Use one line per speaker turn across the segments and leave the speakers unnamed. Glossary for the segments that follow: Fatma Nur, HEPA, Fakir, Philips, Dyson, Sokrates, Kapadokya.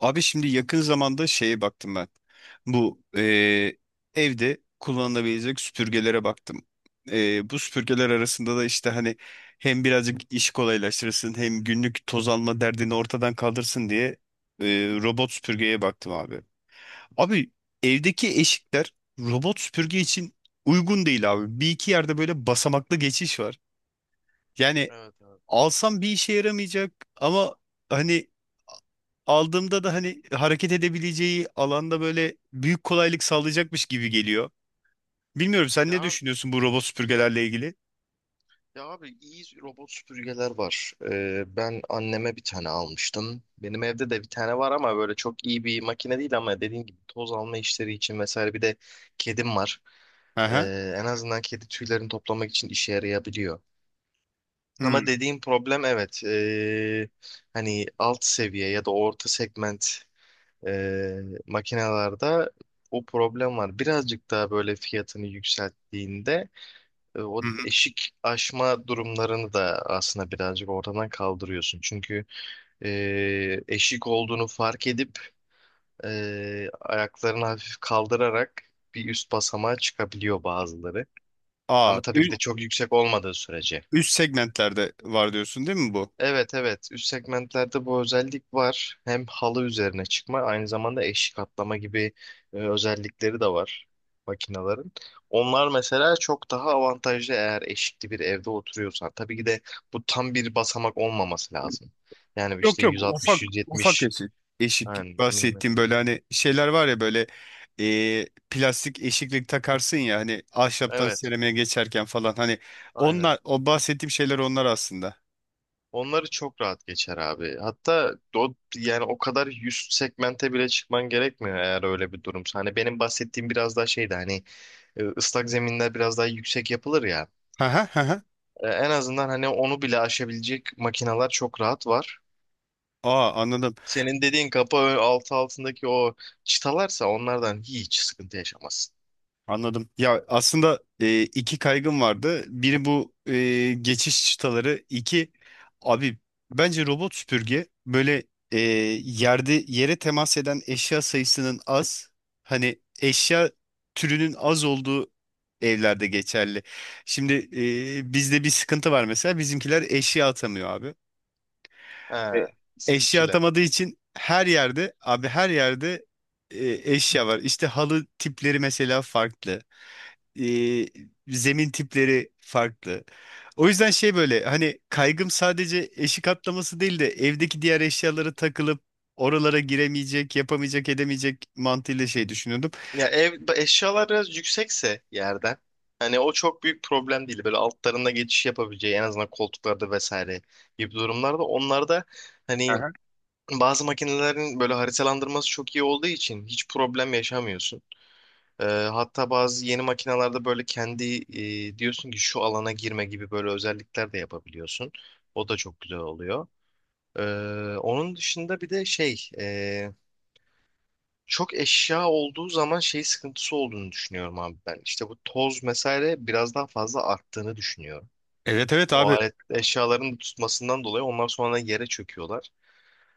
Abi şimdi yakın zamanda şeye baktım ben. Bu evde kullanılabilecek süpürgelere baktım. Bu süpürgeler arasında da işte hani hem birazcık iş kolaylaştırsın hem günlük toz alma derdini ortadan kaldırsın diye robot süpürgeye baktım abi. Abi evdeki eşikler robot süpürge için uygun değil abi. Bir iki yerde böyle basamaklı geçiş var. Yani
Evet abi.
alsam bir işe yaramayacak ama hani aldığımda da hani hareket edebileceği alanda böyle büyük kolaylık sağlayacakmış gibi geliyor. Bilmiyorum sen
Ya,
ne
abi-
düşünüyorsun bu robot
ya,
süpürgelerle ilgili?
ya abi iyi robot süpürgeler var. Ben anneme bir tane almıştım. Benim evde de bir tane var ama böyle çok iyi bir makine değil ama dediğim gibi toz alma işleri için vesaire bir de kedim var.
Aha.
En azından kedi tüylerini toplamak için işe yarayabiliyor.
Hı hı.
Ama dediğim problem evet, hani alt seviye ya da orta segment, ee, makinelerde o problem var. Birazcık daha böyle fiyatını yükselttiğinde o
Hı.
eşik aşma durumlarını da aslında birazcık ortadan kaldırıyorsun. Çünkü e, eşik olduğunu fark edip, ayaklarını hafif kaldırarak bir üst basamağa çıkabiliyor bazıları. Ama
Aa,
tabii ki
ü-
de çok yüksek olmadığı sürece.
Üst segmentlerde var diyorsun değil mi bu?
Evet, evet, üst segmentlerde bu özellik var. Hem halı üzerine çıkma aynı zamanda eşik atlama gibi, özellikleri de var makinelerin. Onlar mesela çok daha avantajlı eğer eşikli bir evde oturuyorsan. Tabii ki de bu tam bir basamak olmaması lazım. Yani
Yok
işte
yok ufak ufak
160-170,
eşik. Eşik
yani
bahsettiğim
milimetre.
böyle hani şeyler var ya böyle plastik eşiklik takarsın ya hani ahşaptan
Evet,
seramiğe geçerken falan hani
aynen.
onlar o bahsettiğim şeyler onlar aslında.
Onları çok rahat geçer abi. Hatta o, yani o kadar üst segmente bile çıkman gerekmiyor eğer öyle bir durumsa. Hani benim bahsettiğim biraz daha şeydi, hani ıslak zeminler biraz daha yüksek yapılır ya.
Ha ha ha.
En azından hani onu bile aşabilecek makineler çok rahat var.
Aa anladım.
Senin dediğin altı altındaki o çıtalarsa onlardan hiç sıkıntı yaşamazsın.
Anladım. Ya aslında iki kaygım vardı. Biri bu geçiş çıtaları. İki abi bence robot süpürge böyle e, yerde yere temas eden eşya sayısının az. Hani eşya türünün az olduğu evlerde geçerli. Şimdi bizde bir sıkıntı var mesela. Bizimkiler eşya atamıyor abi. E,
He,
Eşya
istifçiler.
atamadığı için her yerde abi her yerde e, eşya var. İşte halı tipleri mesela farklı e, zemin tipleri farklı. O yüzden şey böyle hani kaygım sadece eşik atlaması değil de evdeki diğer eşyalara takılıp oralara giremeyecek, yapamayacak, edemeyecek mantığıyla şey düşünüyordum.
Ya ev eşyalar biraz yüksekse yerden, hani o çok büyük problem değil. Böyle altlarında geçiş yapabileceği en azından koltuklarda vesaire gibi durumlarda onlarda hani
Aha.
bazı makinelerin böyle haritalandırması çok iyi olduğu için hiç problem yaşamıyorsun. Ee, Hatta bazı yeni makinelerde böyle kendi, diyorsun ki şu alana girme gibi böyle özellikler de yapabiliyorsun. O da çok güzel oluyor. Ee, Onun dışında bir de şey, çok eşya olduğu zaman şey sıkıntısı olduğunu düşünüyorum abi ben. İşte bu toz vesaire biraz daha fazla arttığını düşünüyorum.
Evet evet
O
abi.
alet eşyaların tutmasından dolayı onlar sonra yere çöküyorlar.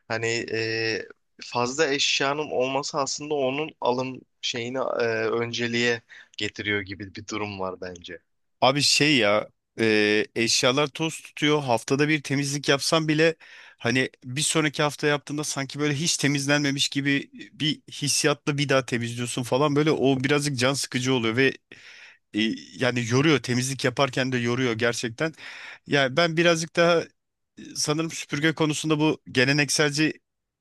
Hani fazla eşyanın olması aslında onun alım şeyini, önceliğe getiriyor gibi bir durum var bence.
Abi şey ya eşyalar toz tutuyor. Haftada bir temizlik yapsam bile hani bir sonraki hafta yaptığında sanki böyle hiç temizlenmemiş gibi bir hissiyatla bir daha temizliyorsun falan böyle o birazcık can sıkıcı oluyor ve E, yani yoruyor temizlik yaparken de yoruyor gerçekten. Yani ben birazcık daha sanırım süpürge konusunda bu gelenekselci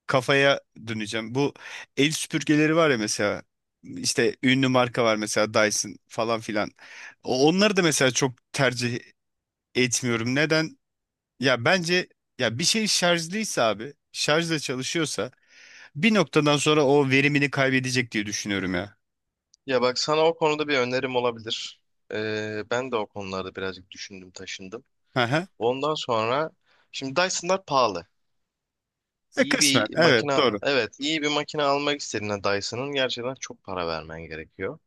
kafaya döneceğim. Bu el süpürgeleri var ya mesela işte ünlü marka var mesela Dyson falan filan. Onları da mesela çok tercih etmiyorum. Neden? Ya bence ya bir şey şarjlıysa abi şarjla çalışıyorsa bir noktadan sonra o verimini kaybedecek diye düşünüyorum ya.
Ya bak sana o konuda bir önerim olabilir. Ben de o konularda birazcık düşündüm taşındım.
Hı hı.
Ondan sonra şimdi Dyson'lar pahalı. İyi
Kısmen
bir
evet
makine,
doğru.
evet iyi bir makine almak istediğinde Dyson'ın gerçekten çok para vermen gerekiyor.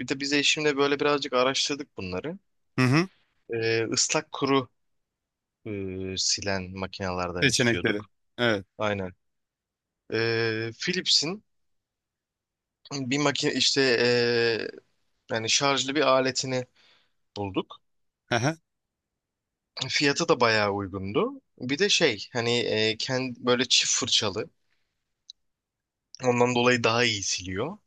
Bir de biz eşimle böyle birazcık araştırdık bunları.
Hı hı.
Islak kuru, e, silen makinelerden istiyorduk.
Seçenekleri. Evet.
Aynen. Philips'in bir makine işte, yani şarjlı bir aletini bulduk.
Aha.
Fiyatı da bayağı uygundu. Bir de şey hani, kendi böyle çift fırçalı. Ondan dolayı daha iyi siliyor.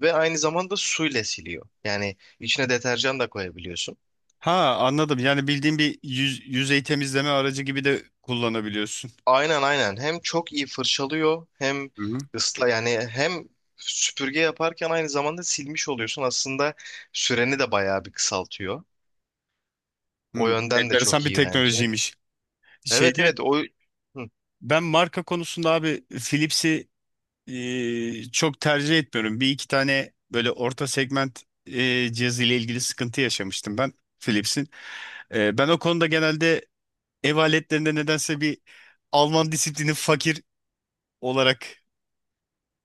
Ve aynı zamanda suyla siliyor. Yani içine deterjan da koyabiliyorsun.
Ha anladım. Yani bildiğin bir yüz, yüzey temizleme aracı gibi de kullanabiliyorsun.
Aynen, aynen. Hem çok iyi fırçalıyor hem
Hı-hı.
ısla, yani hem süpürge yaparken aynı zamanda silmiş oluyorsun. Aslında süreni de bayağı bir kısaltıyor.
Hı.
O
Hı,
yönden de
enteresan
çok
bir
iyi bence.
teknolojiymiş.
Evet,
Şeyde
evet, o. Hı.
ben marka konusunda abi Philips'i çok tercih etmiyorum. Bir iki tane böyle orta segment cihazı ile ilgili sıkıntı yaşamıştım ben Philips'in. Ben o konuda genelde ev aletlerinde nedense bir Alman disiplini fakir olarak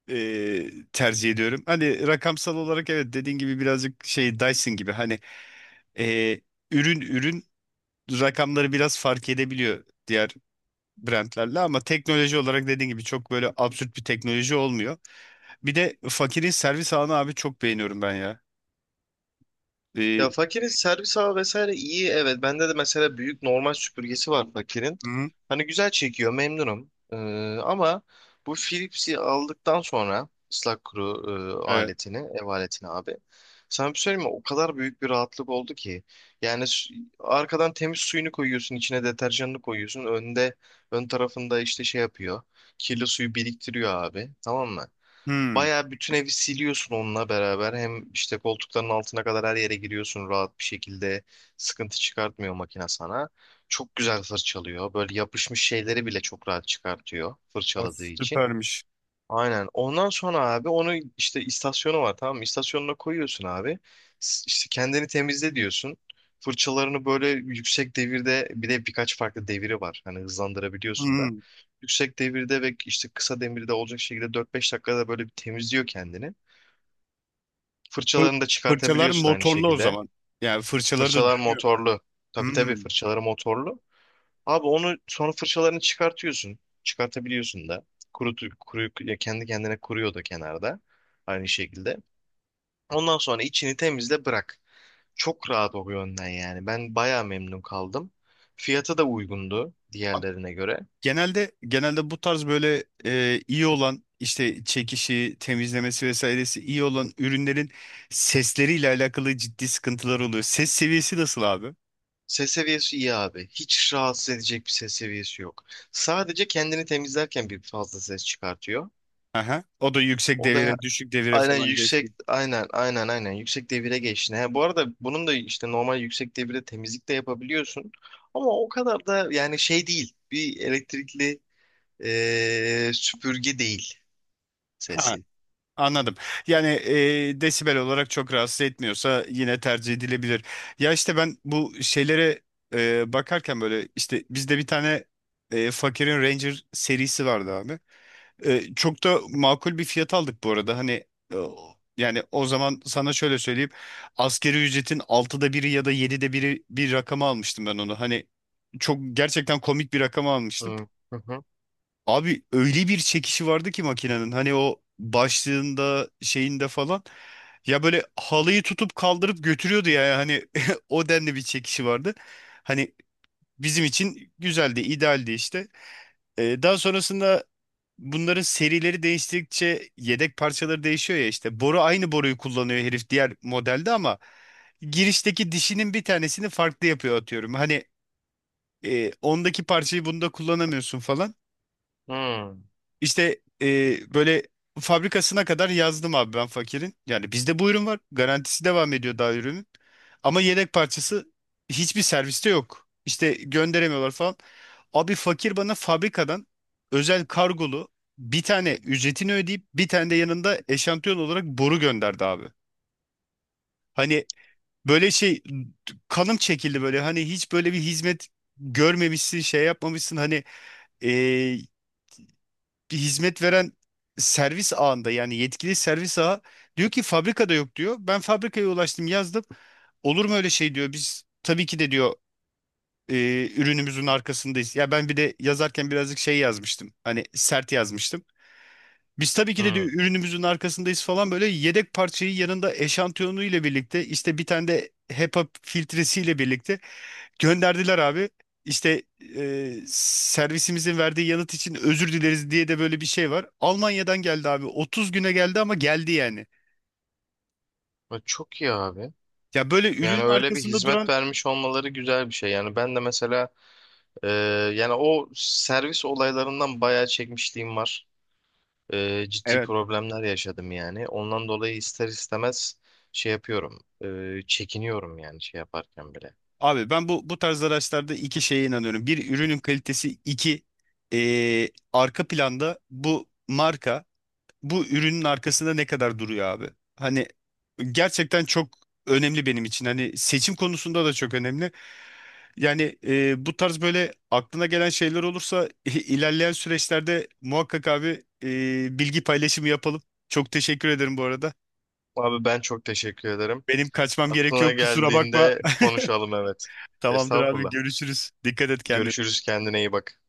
tercih ediyorum. Hani rakamsal olarak evet dediğin gibi birazcık şey Dyson gibi hani e, ürün rakamları biraz fark edebiliyor diğer brandlerle ama teknoloji olarak dediğin gibi çok böyle absürt bir teknoloji olmuyor. Bir de fakirin servis ağını abi çok beğeniyorum ben ya.
Ya
E,
Fakir'in servis ağı vesaire iyi, evet. Bende de mesela büyük normal süpürgesi var Fakir'in.
hı,
Hani güzel çekiyor, memnunum. Ama bu Philips'i aldıktan sonra ıslak kuru,
evet.
aletini, ev aletini abi. Sana bir söyleyeyim mi? O kadar büyük bir rahatlık oldu ki. Yani arkadan temiz suyunu koyuyorsun, içine deterjanını koyuyorsun. Önde, ön tarafında işte şey yapıyor. Kirli suyu biriktiriyor abi. Tamam mı?
Hı,
Bayağı bütün evi siliyorsun onunla beraber. Hem işte koltukların altına kadar her yere giriyorsun rahat bir şekilde. Sıkıntı çıkartmıyor makine sana. Çok güzel fırçalıyor. Böyle yapışmış şeyleri bile çok rahat çıkartıyor
o
fırçaladığı için.
süpermiş.
Aynen. Ondan sonra abi onu işte istasyonu var, tamam mı? İstasyonuna koyuyorsun abi. İşte kendini temizle diyorsun. Fırçalarını böyle yüksek devirde, bir de birkaç farklı deviri var. Hani hızlandırabiliyorsun
Hı,
da. Yüksek devirde ve işte kısa devirde olacak şekilde 4-5 dakikada böyle bir temizliyor kendini.
fır-
Fırçalarını da
fırçalar
çıkartabiliyorsun aynı
motorlu o
şekilde.
zaman. Yani fırçaları da
Fırçalar
dönüyor.
motorlu.
Hı.
Tabii, tabii, fırçaları motorlu. Abi onu sonra fırçalarını çıkartıyorsun. Çıkartabiliyorsun da. Ya kendi kendine kuruyor da kenarda. Aynı şekilde. Ondan sonra içini temizle bırak. Çok rahat o yönden yani. Ben bayağı memnun kaldım. Fiyatı da uygundu diğerlerine göre.
Genelde bu tarz böyle iyi olan işte çekişi, temizlemesi vesairesi iyi olan ürünlerin sesleriyle alakalı ciddi sıkıntılar oluyor. Ses seviyesi nasıl abi?
Ses seviyesi iyi abi. Hiç rahatsız edecek bir ses seviyesi yok. Sadece kendini temizlerken bir fazla ses çıkartıyor.
Aha. O da yüksek
O da
devire, düşük devire
aynen,
falan
yüksek,
geçti.
aynen, yüksek devire geçtin. He, bu arada bunun da işte normal yüksek devirde temizlik de yapabiliyorsun. Ama o kadar da yani şey değil. Bir elektrikli süpürge değil
Ha,
sesi.
anladım. Yani desibel olarak çok rahatsız etmiyorsa yine tercih edilebilir. Ya işte ben bu şeylere bakarken böyle işte bizde bir tane fakirin Ranger serisi vardı abi. Çok da makul bir fiyat aldık bu arada. Hani e, yani o zaman sana şöyle söyleyeyim. Asgari ücretin altıda biri ya da 7'de biri bir rakama almıştım ben onu. Hani çok gerçekten komik bir rakama almıştım.
Hı hı hı.
Abi öyle bir çekişi vardı ki makinenin. Hani o başlığında şeyinde falan. Ya böyle halıyı tutup kaldırıp götürüyordu yani. Hani o denli bir çekişi vardı. Hani bizim için güzeldi, idealdi işte. Daha sonrasında bunların serileri değiştikçe yedek parçaları değişiyor ya işte. Boru aynı boruyu kullanıyor herif diğer modelde ama girişteki dişinin bir tanesini farklı yapıyor atıyorum. Hani ondaki parçayı bunda kullanamıyorsun falan.
Hı
İşte böyle fabrikasına kadar yazdım abi ben fakirin. Yani bizde bu ürün var. Garantisi devam ediyor daha ürünün. Ama yedek parçası hiçbir serviste yok. İşte gönderemiyorlar falan. Abi fakir bana fabrikadan özel kargolu bir tane ücretini ödeyip bir tane de yanında eşantiyon olarak boru gönderdi abi. Hani böyle şey kanım çekildi böyle. Hani hiç böyle bir hizmet görmemişsin, şey yapmamışsın. Hani e, bir hizmet veren servis ağında yani yetkili servis ağı diyor ki fabrikada yok diyor. Ben fabrikaya ulaştım yazdım. Olur mu öyle şey diyor. Biz tabii ki de diyor ürünümüzün arkasındayız. Ya ben bir de yazarken birazcık şey yazmıştım. Hani sert yazmıştım. Biz tabii ki de
hı.
diyor ürünümüzün arkasındayız falan böyle yedek parçayı yanında eşantiyonu ile birlikte işte bir tane de HEPA filtresiyle birlikte gönderdiler abi. İşte servisimizin verdiği yanıt için özür dileriz diye de böyle bir şey var. Almanya'dan geldi abi. 30 güne geldi ama geldi yani.
Ya çok iyi abi.
Ya böyle
Yani
ürünün
öyle bir
arkasında
hizmet
duran
vermiş olmaları güzel bir şey. Yani ben de mesela eee, yani o servis olaylarından bayağı çekmişliğim var. Ciddi
evet.
problemler yaşadım yani. Ondan dolayı ister istemez şey yapıyorum. Çekiniyorum yani şey yaparken bile.
Abi ben bu bu tarz araçlarda iki şeye inanıyorum. Bir ürünün kalitesi, iki arka planda bu marka bu ürünün arkasında ne kadar duruyor abi? Hani gerçekten çok önemli benim için. Hani seçim konusunda da çok önemli. Yani bu tarz böyle aklına gelen şeyler olursa ilerleyen süreçlerde muhakkak abi bilgi paylaşımı yapalım. Çok teşekkür ederim bu arada.
Abi ben çok teşekkür ederim.
Benim kaçmam
Aklına
gerekiyor kusura bakma.
geldiğinde konuşalım, evet.
Tamamdır abi
Estağfurullah.
görüşürüz. Dikkat et kendine.
Görüşürüz, kendine iyi bak.